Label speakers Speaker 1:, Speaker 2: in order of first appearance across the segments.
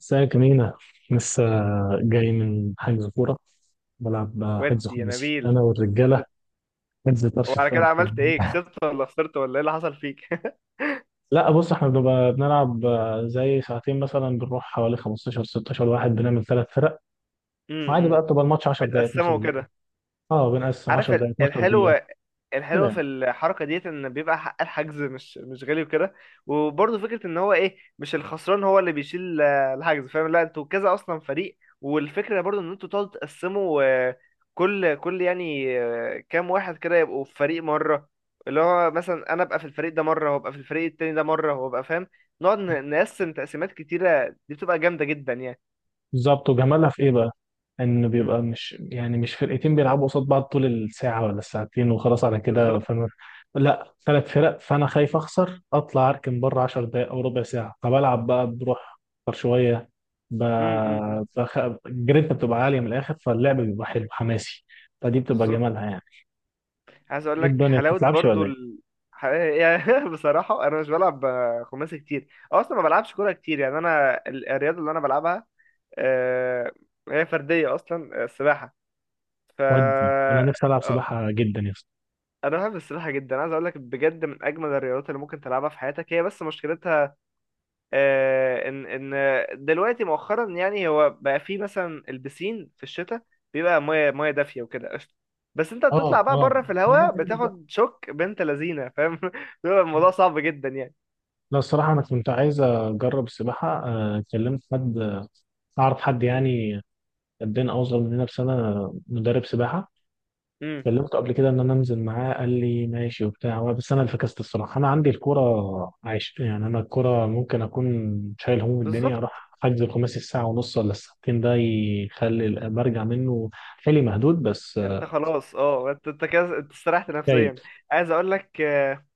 Speaker 1: ازيك يا مينا؟ لسه جاي من حجز كورة. بلعب حجز
Speaker 2: ودي يا
Speaker 1: خماسي
Speaker 2: نبيل.
Speaker 1: أنا والرجالة،
Speaker 2: كنت-
Speaker 1: حجز طرش في
Speaker 2: وعلى كده
Speaker 1: طرش
Speaker 2: عملت
Speaker 1: يعني.
Speaker 2: ايه؟ كسبت ولا خسرت ولا ايه اللي حصل فيك؟
Speaker 1: لا بص، احنا بنبقى بنلعب زي ساعتين مثلا، بنروح حوالي 15 16 واحد، بنعمل ثلاث فرق. وعادي
Speaker 2: امم،
Speaker 1: بقى بتبقى الماتش 10 دقايق 12
Speaker 2: متقسمه
Speaker 1: دقيقة.
Speaker 2: وكده.
Speaker 1: اه، بنقسم
Speaker 2: عارف
Speaker 1: 10 دقايق 12 دقيقة
Speaker 2: الحلو،
Speaker 1: كده
Speaker 2: الحلو
Speaker 1: يعني.
Speaker 2: في الحركه ديت ان بيبقى حق الحجز مش غالي وكده. وبرضه فكره ان هو ايه، مش الخسران هو اللي بيشيل الحجز، فاهم؟ لا انتوا كذا اصلا فريق، والفكره برضه ان انتوا تقعدوا تقسموا، كل يعني كام واحد كده يبقوا في فريق مره. اللي هو مثلا انا ابقى في الفريق ده مره، وابقى في الفريق التاني ده مره، وابقى فاهم، نقعد نقسم تقسيمات كتيره، دي بتبقى جامده جدا يعني.
Speaker 1: بالظبط. وجمالها في ايه بقى؟ ان
Speaker 2: مم.
Speaker 1: بيبقى مش يعني مش فرقتين بيلعبوا قصاد بعض طول الساعه ولا الساعتين وخلاص على كده،
Speaker 2: بالظبط.
Speaker 1: فانا، لا، ثلاث فرق، فانا خايف اخسر اطلع اركن بره 10 دقائق او ربع ساعه، فبلعب بقى، بروح اكتر شويه. ب...
Speaker 2: امم.
Speaker 1: بخ... الجرينتا بتبقى عاليه من الاخر، فاللعب بيبقى حلو حماسي. فدي بتبقى
Speaker 2: بالظبط.
Speaker 1: جمالها يعني.
Speaker 2: عايز اقول
Speaker 1: ايه
Speaker 2: لك
Speaker 1: الدنيا ما
Speaker 2: حلاوه
Speaker 1: بتتلعبش
Speaker 2: برضو
Speaker 1: ولا ايه؟
Speaker 2: يعني بصراحه انا مش بلعب خماسي كتير، أو اصلا ما بلعبش كوره كتير يعني. انا الرياضه اللي انا بلعبها، آه، هي فرديه اصلا، السباحه. ف
Speaker 1: ودي انا
Speaker 2: آه،
Speaker 1: نفسي العب سباحه جدا يا اسطى.
Speaker 2: انا بحب السباحه جدا. عايز اقول لك بجد، من اجمل الرياضات اللي ممكن تلعبها في حياتك هي، بس مشكلتها آه، ان ان دلوقتي مؤخرا يعني، هو بقى في مثلا البسين في الشتاء بيبقى ميه ميه دافيه وكده قشطه، بس انت بتطلع
Speaker 1: اه
Speaker 2: بقى
Speaker 1: اه،
Speaker 2: بره في
Speaker 1: يعني هي
Speaker 2: الهواء
Speaker 1: بجد
Speaker 2: بتاخد شوك بنت لذينه فاهم بيبقى الموضوع
Speaker 1: بقى.
Speaker 2: صعب جدا يعني.
Speaker 1: لا الصراحة أنا كنت عايز أجرب السباحة، كلمت حد، أعرف حد يعني قدنا، أوصل مننا بسنة، مدرب سباحة.
Speaker 2: امم.
Speaker 1: كلمته قبل كده إن أنا أنزل معاه، قال لي ماشي وبتاع، هو بس أنا اللي فكست الصراحة. أنا عندي الكورة عايش يعني، أنا الكورة ممكن أكون شايل هموم الدنيا
Speaker 2: بالظبط.
Speaker 1: أروح حجز الخماسي الساعة ونص ولا الساعتين، ده يخلي برجع منه حيلي مهدود، بس
Speaker 2: انت خلاص، اه، انت، انت كده استريحت
Speaker 1: جيد.
Speaker 2: نفسيا. عايز اقول لك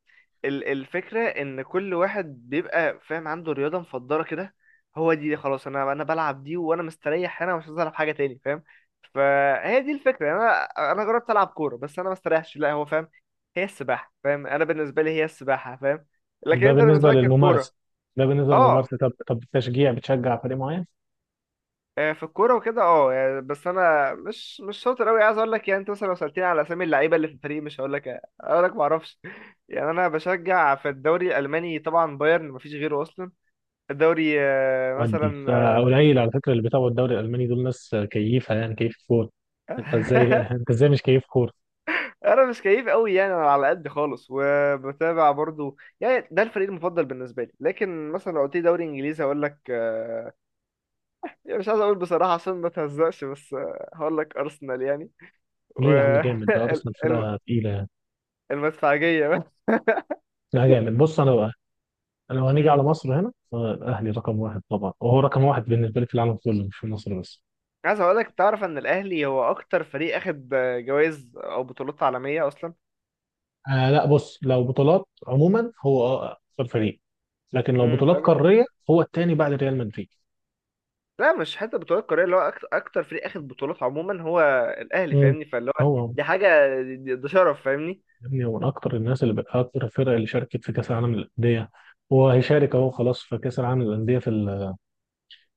Speaker 2: الفكرة إن كل واحد بيبقى فاهم عنده رياضة مفضلة كده، هو دي خلاص. أنا بلعب دي وأنا مستريح هنا، مش عايز ألعب حاجة تاني فاهم. فهي دي الفكرة يعني. أنا جربت ألعب كورة بس أنا ما استريحش لا، هو فاهم، هي السباحة فاهم، أنا بالنسبة لي هي السباحة فاهم، لكن
Speaker 1: ده
Speaker 2: أنت
Speaker 1: بالنسبة
Speaker 2: بالنسبة لك
Speaker 1: للممارسة،
Speaker 2: الكورة.
Speaker 1: ده بالنسبة
Speaker 2: أه،
Speaker 1: للممارسة طب التشجيع، بتشجع فريق معين؟
Speaker 2: في الكورة وكده أه يعني، بس أنا مش شاطر أوي عايز أقول لك يعني. أنت مثلا لو سألتني على أسامي اللعيبة اللي في الفريق مش هقول لك، هقول لك معرفش يعني. انا بشجع في الدوري الالماني طبعا بايرن، مفيش غيره اصلا. الدوري
Speaker 1: ودي
Speaker 2: مثلا
Speaker 1: فقليل على
Speaker 2: إيه؟
Speaker 1: فكره اللي بيتابعوا الدوري الالماني، دول ناس كيفه يعني، كيف كوره. انت ازاي، انت ازاي مش كيف كوره؟
Speaker 2: انا مش كيف قوي يعني، انا على قد خالص وبتابع برضو يعني، ده الفريق المفضل بالنسبه لي. لكن مثلا لو قلت لي دوري انجليزي هقول لك يعني مش عايز اقول بصراحه عشان ما تهزقش، بس هقول لك ارسنال يعني. و
Speaker 1: ليه يا عم جامد، ده
Speaker 2: ال-
Speaker 1: ارسنال
Speaker 2: الم-
Speaker 1: فرقه تقيله يعني.
Speaker 2: المدفعجيه بس.
Speaker 1: لا جامد، بص انا بقى، انا لو هنيجي على
Speaker 2: أمم.
Speaker 1: مصر هنا، الاهلي رقم واحد طبعا، وهو رقم واحد بالنسبه لي في العالم كله، مش في مصر بس.
Speaker 2: عايز اقول لك تعرف ان الاهلي هو اكتر فريق اخد جوائز او بطولات عالميه اصلا.
Speaker 1: آه لا بص، لو بطولات عموما هو اه، اكثر فريق، لكن لو بطولات
Speaker 2: امم.
Speaker 1: قاريه هو الثاني بعد ريال مدريد.
Speaker 2: لا مش حتى بطولات قارية، اللي هو أكتر فريق أخد بطولات عموما هو الأهلي
Speaker 1: مم.
Speaker 2: فاهمني، فاللي هو
Speaker 1: هو هو.
Speaker 2: دي حاجة، ده شرف فاهمني.
Speaker 1: يا ابني هو من اكتر الناس اللي بقى، اكتر الفرق اللي شاركت في كاس العالم للانديه، وهيشارك اهو خلاص في كاس العالم للانديه في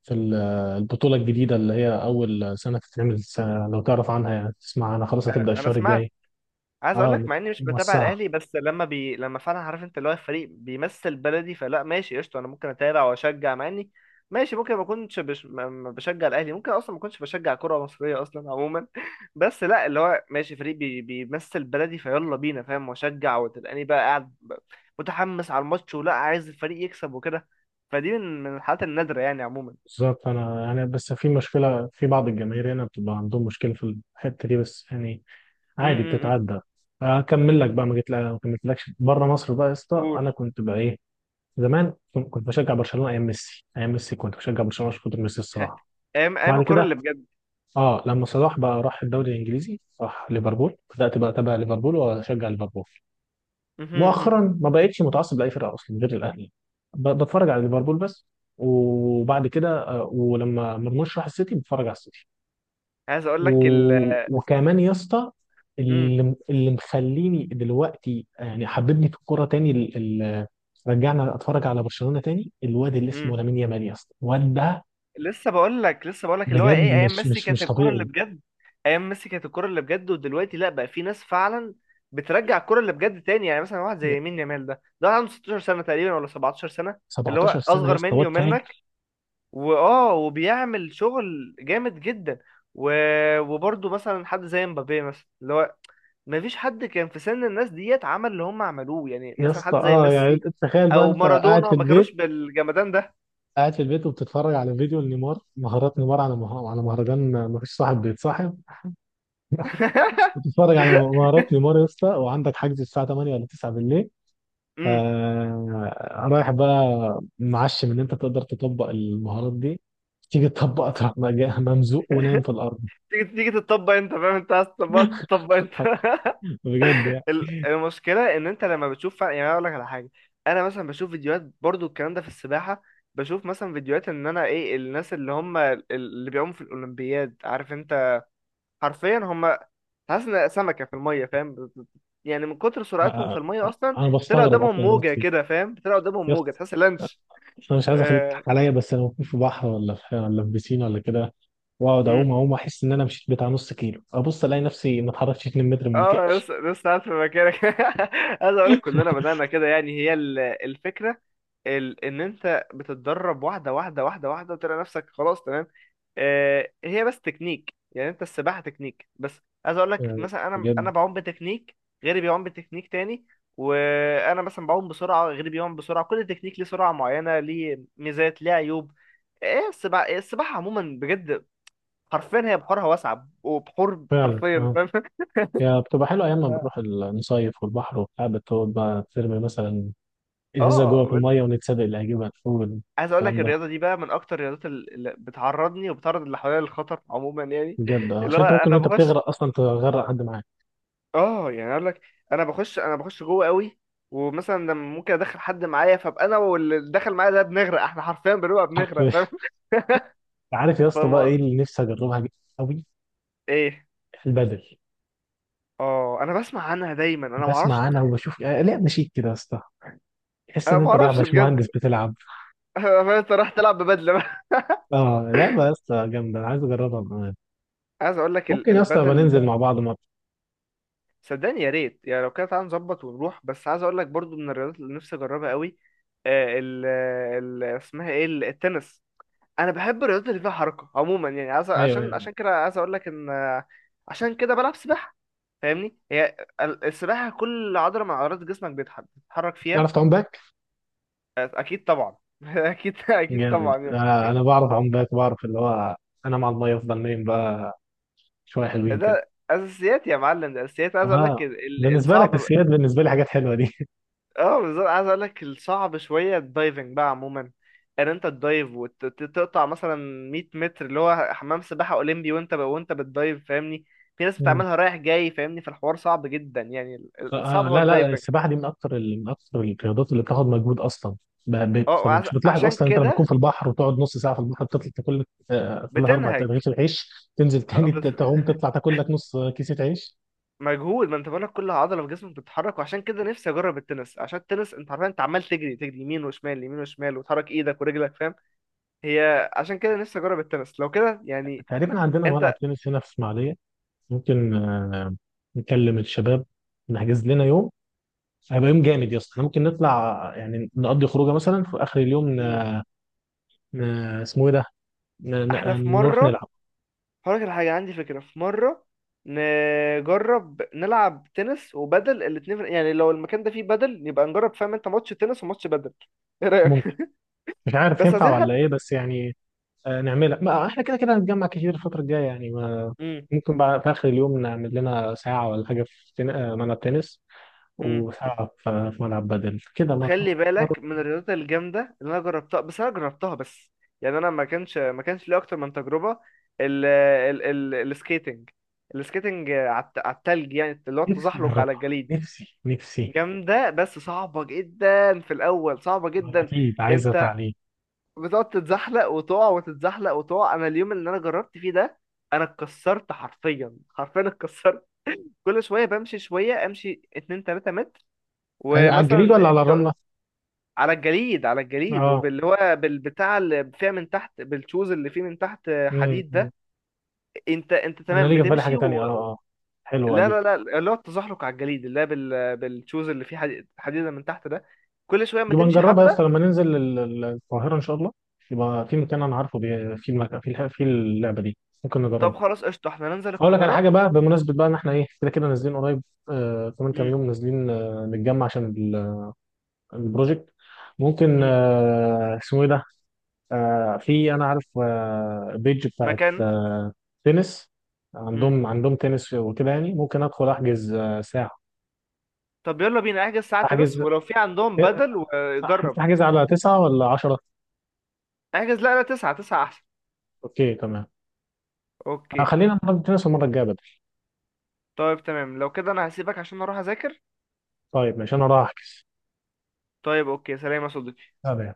Speaker 1: في ال- البطولة الجديدة اللي هي أول سنة تتعمل لو تعرف عنها يعني، تسمع عنها، خلاص هتبدأ
Speaker 2: أنا
Speaker 1: الشهر
Speaker 2: سمعت.
Speaker 1: الجاي.
Speaker 2: عايز اقول
Speaker 1: اه
Speaker 2: لك مع اني مش بتابع
Speaker 1: موسعة.
Speaker 2: الاهلي، بس لما فعلا عارف انت اللي هو الفريق بيمثل بلدي فلا ماشي قشطه، انا ممكن اتابع واشجع. مع اني ماشي ممكن ما بشجع الاهلي، ممكن اصلا ما اكونش بشجع كره مصريه اصلا عموما بس لا اللي هو ماشي، فريق بيمثل بلدي فيلا بينا فاهم، واشجع وتلقاني بقى قاعد متحمس على الماتش ولا عايز الفريق يكسب وكده. فدي من الحالات النادره يعني عموما.
Speaker 1: بالظبط. أنا يعني بس في مشكلة في بعض الجماهير هنا، بتبقى عندهم مشكلة في الحتة دي بس يعني، عادي
Speaker 2: امم.
Speaker 1: بتتعدى. أكمل
Speaker 2: امم.
Speaker 1: لك بقى ما جيت ما كملتلكش بره مصر بقى يا اسطى. أنا
Speaker 2: قول.
Speaker 1: كنت بقى إيه، زمان كنت بشجع برشلونة أيام ميسي، أيام ميسي كنت بشجع برشلونة عشان خاطر ميسي الصراحة.
Speaker 2: ايام، ايام
Speaker 1: بعد
Speaker 2: الكره
Speaker 1: كده
Speaker 2: اللي بجد.
Speaker 1: اه، لما صلاح بقى راح الدوري الانجليزي، راح ليفربول، بدات بقى اتابع ليفربول واشجع ليفربول.
Speaker 2: م- م- م.
Speaker 1: مؤخرا ما بقتش متعصب لاي فرقه اصلا غير الاهلي. بتفرج على ليفربول بس، وبعد كده ولما مرموش راح السيتي، بتفرج على السيتي.
Speaker 2: عايز اقول لك
Speaker 1: وكمان يا اسطى، اللي اللي مخليني دلوقتي يعني حببني في الكوره تاني، ال... رجعنا اتفرج على برشلونه تاني، الواد اللي اسمه
Speaker 2: امم.
Speaker 1: لامين يامال، يا اسطى الواد ده
Speaker 2: لسه بقول لك، لسه بقول لك اللي هو
Speaker 1: بجد
Speaker 2: ايه، ايام
Speaker 1: مش
Speaker 2: ميسي
Speaker 1: مش
Speaker 2: كانت
Speaker 1: مش
Speaker 2: الكرة اللي
Speaker 1: طبيعي.
Speaker 2: بجد. ايام ميسي كانت الكرة اللي بجد، ودلوقتي لا بقى في ناس فعلا بترجع الكرة اللي بجد تاني يعني. مثلا واحد
Speaker 1: يا-
Speaker 2: زي يمين يامال ده واحد عنده 16 سنة تقريبا ولا 17 سنة، اللي
Speaker 1: 17
Speaker 2: هو
Speaker 1: سنه يا
Speaker 2: اصغر
Speaker 1: اسطى،
Speaker 2: مني
Speaker 1: واد
Speaker 2: ومنك،
Speaker 1: فاجر.
Speaker 2: واه وبيعمل شغل جامد جدا. و، وبرضه مثلا حد زي مبابي مثلا، اللي هو مفيش حد كان في سن الناس ديت عمل اللي هم عملوه يعني.
Speaker 1: يا
Speaker 2: مثلا
Speaker 1: اسطى،
Speaker 2: حد زي
Speaker 1: اه يعني
Speaker 2: ميسي
Speaker 1: تخيل بقى
Speaker 2: او
Speaker 1: انت قاعد
Speaker 2: مارادونا
Speaker 1: في
Speaker 2: ما كانوش
Speaker 1: البيت،
Speaker 2: بالجمدان ده.
Speaker 1: قاعد في البيت وبتتفرج على فيديو لنيمار، مهارات نيمار على على مهرجان ما فيش صاحب بيتصاحب. بتتفرج على مهارات نيمار يا اسطى، وعندك حجز الساعة 8 ولا 9 بالليل.
Speaker 2: امم.
Speaker 1: رايح بقى، معشم ان انت تقدر تطبق المهارات دي، تيجي تطبق، تروح ممزوق ونايم في الارض.
Speaker 2: تيجي تطبق، انت فاهم، انت عايز تطبقها تطبق انت
Speaker 1: بجد يعني.
Speaker 2: المشكله ان انت لما بتشوف يعني انا اقول لك على حاجه. انا مثلا بشوف فيديوهات برضو الكلام ده في السباحه. بشوف مثلا فيديوهات ان انا ايه، الناس اللي هم اللي بيعوموا في الاولمبياد، عارف انت، حرفيا هم، حاسس ان سمكه في الميه فاهم، يعني من كتر سرعتهم في
Speaker 1: آه،
Speaker 2: الميه اصلا،
Speaker 1: انا
Speaker 2: طلع
Speaker 1: بستغرب
Speaker 2: قدامهم
Speaker 1: اصلا
Speaker 2: موجه
Speaker 1: نفسي.
Speaker 2: كده فاهم، طلع قدامهم موجه
Speaker 1: يس.
Speaker 2: تحس لانش.
Speaker 1: انا مش عايز اخليك
Speaker 2: آه.
Speaker 1: تضحك عليا، بس انا ممكن في بحر ولا في ولا في بيسين ولا كده، واقعد اعوم اعوم، احس ان انا مشيت بتاع نص كيلو، ابص الاقي نفسي ما اتحركتش 2 متر من مكاني.
Speaker 2: اه لسه، لسه قاعد في مكانك عايز اقول لك كلنا بدأنا كده يعني. هي الفكرة ان انت بتتدرب واحدة، وتلاقي نفسك خلاص تمام. آه هي بس تكنيك يعني، انت السباحة تكنيك بس. عايز اقول لك
Speaker 1: آه،
Speaker 2: مثلا، انا
Speaker 1: بجد
Speaker 2: انا بعوم بتكنيك، غيري بيعوم بتكنيك تاني. وانا مثلا بعوم بسرعة، غيري بيعوم بسرعة، كل تكنيك ليه سرعة معينة، ليه ميزات، ليه عيوب. ايه السباحة، السباحة عموما بجد حرفيا هي بحورها واسعة، وبحور
Speaker 1: فعلا
Speaker 2: حرفيا
Speaker 1: اه.
Speaker 2: فاهم
Speaker 1: هي بتبقى حلوه ايام ما بنروح نصيف والبحر وبتاع، بتقعد بقى ترمي مثلا ازازه جوه
Speaker 2: اه.
Speaker 1: في الميه، ونتسابق اللي هيجيبها فوق.
Speaker 2: عايز اقول لك
Speaker 1: الكلام ده
Speaker 2: الرياضه دي بقى من اكتر الرياضات اللي بتعرضني وبتعرض اللي حواليا للخطر عموما يعني.
Speaker 1: بجد اه،
Speaker 2: اللي
Speaker 1: عشان
Speaker 2: هو
Speaker 1: انت ممكن
Speaker 2: انا
Speaker 1: وانت
Speaker 2: بخش،
Speaker 1: بتغرق اصلا تغرق حد معاك.
Speaker 2: اه يعني اقول لك، انا بخش، انا بخش جوه قوي. ومثلا لما ممكن ادخل حد معايا، فابقى انا واللي دخل معايا ده بنغرق، احنا حرفيا بنغرق فاهم.
Speaker 1: عارف يا اسطى بقى ايه
Speaker 2: فالموضوع-
Speaker 1: اللي نفسي اجربها قوي؟
Speaker 2: ايه؟
Speaker 1: البدل.
Speaker 2: اه انا بسمع عنها دايما، انا ما
Speaker 1: بسمع
Speaker 2: اعرفش.
Speaker 1: عنها وبشوف، لعبه شيك كده يا اسطى، تحس
Speaker 2: انا
Speaker 1: ان
Speaker 2: ما
Speaker 1: انت رايح
Speaker 2: اعرفش بجد.
Speaker 1: باشمهندس بتلعب.
Speaker 2: انت رايح تلعب ببدله بقى؟
Speaker 1: اه لعبه يا اسطى جامده، انا عايز اجربها.
Speaker 2: عايز اقول لك
Speaker 1: ممكن يا اسطى يبقى
Speaker 2: البدل،
Speaker 1: ننزل مع بعض ماتش.
Speaker 2: صدقني يا ريت يعني. لو كده تعالى نظبط ونروح. بس عايز اقول لك برضو من الرياضات اللي نفسي اجربها قوي آه، ال ال اسمها ايه، التنس. انا بحب الرياضات اللي فيها حركه عموما يعني. عايز،
Speaker 1: ايوه
Speaker 2: عشان
Speaker 1: يعني.
Speaker 2: عشان كده عايز اقول لك ان عشان كده بلعب سباحه فاهمني. هي السباحه كل عضله من عضلات جسمك بتتحرك فيها.
Speaker 1: تعرف تعوم باك؟
Speaker 2: اكيد طبعا اكيد
Speaker 1: جامد.
Speaker 2: طبعا يعني.
Speaker 1: آه انا بعرف اعوم باك، بعرف اللي هو، انا مع الميه افضل نايم بقى شويه حلوين كده.
Speaker 2: ده اساسيات يا معلم، ده اساسيات. عايز اقول لك
Speaker 1: اه بالنسبه لك
Speaker 2: الصعب،
Speaker 1: السياد، بالنسبه لي حاجات حلوه دي.
Speaker 2: اه بالظبط، عايز اقول لك الصعب شويه الدايفنج بقى عموما، ان انت تدايف وتقطع مثلا 100 متر اللي هو حمام سباحه اولمبي، وانت وانت بتدايف فاهمني. في ناس
Speaker 1: مم.
Speaker 2: بتعملها رايح جاي فاهمني، فالحوار صعب جدا يعني،
Speaker 1: آه
Speaker 2: الصعب هو
Speaker 1: لا لا،
Speaker 2: الدايفنج.
Speaker 1: السباحه دي من اكتر من اكتر الرياضات اللي بتاخد مجهود اصلا.
Speaker 2: اه
Speaker 1: مش بتلاحظ
Speaker 2: عشان
Speaker 1: اصلا انت لما تكون
Speaker 2: كده
Speaker 1: في البحر وتقعد نص ساعه في البحر، بتطلع تاكل لك ثلاث اربع
Speaker 2: بتنهج.
Speaker 1: رغيف العيش. تنزل تاني
Speaker 2: بس
Speaker 1: تعوم تطلع تاكل لك نص كيسه عيش.
Speaker 2: مجهود، ما انت بقولك كل عضله في جسمك بتتحرك، وعشان كده نفسي اجرب التنس، عشان التنس انت عارف انت عمال تجري، تجري يمين وشمال، يمين وشمال، وتحرك ايدك ورجلك فاهم. هي عشان كده نفسي اجرب التنس لو كده يعني.
Speaker 1: تقريبا عندنا ملعب
Speaker 2: انت،
Speaker 1: تنس هنا في اسماعيليه. ممكن نكلم الشباب، نحجز لنا يوم. هيبقى يوم جامد يا اسطى، احنا ممكن نطلع يعني نقضي خروجه مثلا في اخر اليوم، ن... اسمه ايه ده، ن...
Speaker 2: احنا في
Speaker 1: ن... نروح
Speaker 2: مرة،
Speaker 1: نلعب.
Speaker 2: هقولك على حاجة، عندي فكرة. في مرة نجرب نلعب تنس وبدل الاتنين، يعني لو المكان ده فيه بدل يبقى نجرب فاهم انت، ماتش تنس وماتش بدل، ايه رأيك؟
Speaker 1: ممكن، مش عارف
Speaker 2: بس
Speaker 1: ينفع
Speaker 2: عايزين
Speaker 1: ولا
Speaker 2: حد.
Speaker 1: ايه بس يعني، نعملها، ما احنا كده كده هنتجمع كتير الفتره الجايه يعني. ما
Speaker 2: امم.
Speaker 1: ممكن بقى في اخر اليوم نعمل لنا ساعه ولا حاجه في تن... آه، ملعب تنس،
Speaker 2: امم.
Speaker 1: وساعه في في ملعب بدل كده،
Speaker 2: وخلي
Speaker 1: مره مره.
Speaker 2: بالك من الرياضات الجامدة اللي انا جربتها، بس انا جربتها بس يعني، انا ما كانش لي اكتر من تجربة ال ال ال السكيتنج، السكيتنج على على التلج، يعني اللي هو
Speaker 1: نفسي
Speaker 2: التزحلق على
Speaker 1: اجربها.
Speaker 2: الجليد.
Speaker 1: نفسي.
Speaker 2: جامدة بس صعبة جدا في الأول، صعبة جدا.
Speaker 1: اكيد عايزه
Speaker 2: انت
Speaker 1: تعليم.
Speaker 2: بتقعد تتزحلق وتقع، وتتزحلق وتقع. انا اليوم اللي انا جربت فيه ده انا اتكسرت، حرفيا حرفيا اتكسرت. كل شويه بمشي شويه، امشي 2 3 متر
Speaker 1: على الجليد
Speaker 2: ومثلا
Speaker 1: ولا على
Speaker 2: ت-
Speaker 1: الرمله؟
Speaker 2: على الجليد، على الجليد،
Speaker 1: اه.
Speaker 2: وباللي هو بالبتاع اللي فيها من تحت، بالشوز اللي فيه من تحت حديد
Speaker 1: أمم.
Speaker 2: ده. انت، انت
Speaker 1: انا
Speaker 2: تمام
Speaker 1: ليه جه في بالي حاجه
Speaker 2: بتمشي
Speaker 1: تانية اه.
Speaker 2: و...
Speaker 1: اه حلوه
Speaker 2: لا لا
Speaker 1: دي.
Speaker 2: لا، اللي هو التزحلق على الجليد اللي هو بالشوز اللي فيه حديد، حديده من تحت ده، كل شويه ما
Speaker 1: يبقى
Speaker 2: تمشي
Speaker 1: نجربها يا
Speaker 2: حبه.
Speaker 1: اسطى لما ننزل القاهره ان شاء الله. يبقى في مكان انا عارفه في المكان في في اللعبه دي، ممكن
Speaker 2: طب
Speaker 1: نجربها.
Speaker 2: خلاص قشطه، احنا ننزل
Speaker 1: اقول لك على حاجه
Speaker 2: القاهره.
Speaker 1: بقى بمناسبه بقى ان احنا ايه، كده كده نازلين قريب. آه كمان كام
Speaker 2: امم.
Speaker 1: يوم نازلين، آه نتجمع عشان البروجكت. ممكن
Speaker 2: امم.
Speaker 1: اسمه ايه ده، في انا عارف، بيج بتاعت
Speaker 2: مكان.
Speaker 1: تنس، عندهم عندهم تنس وكده يعني، ممكن ادخل احجز ساعة.
Speaker 2: طب يلا بينا، احجز ساعة
Speaker 1: احجز
Speaker 2: تنس، ولو في عندهم
Speaker 1: آه،
Speaker 2: بدل وجرب.
Speaker 1: احجز على تسعة ولا عشرة؟
Speaker 2: احجز، لا لا، تسعة، تسعة احسن.
Speaker 1: اوكي تمام.
Speaker 2: اوكي.
Speaker 1: خلينا نلعب تنس المرة الجاية بدل.
Speaker 2: طيب تمام، لو كده انا هسيبك عشان اروح اذاكر.
Speaker 1: طيب ماشي، انا راح احجز.
Speaker 2: طيب اوكي، سلام يا صديقي.
Speaker 1: سلام.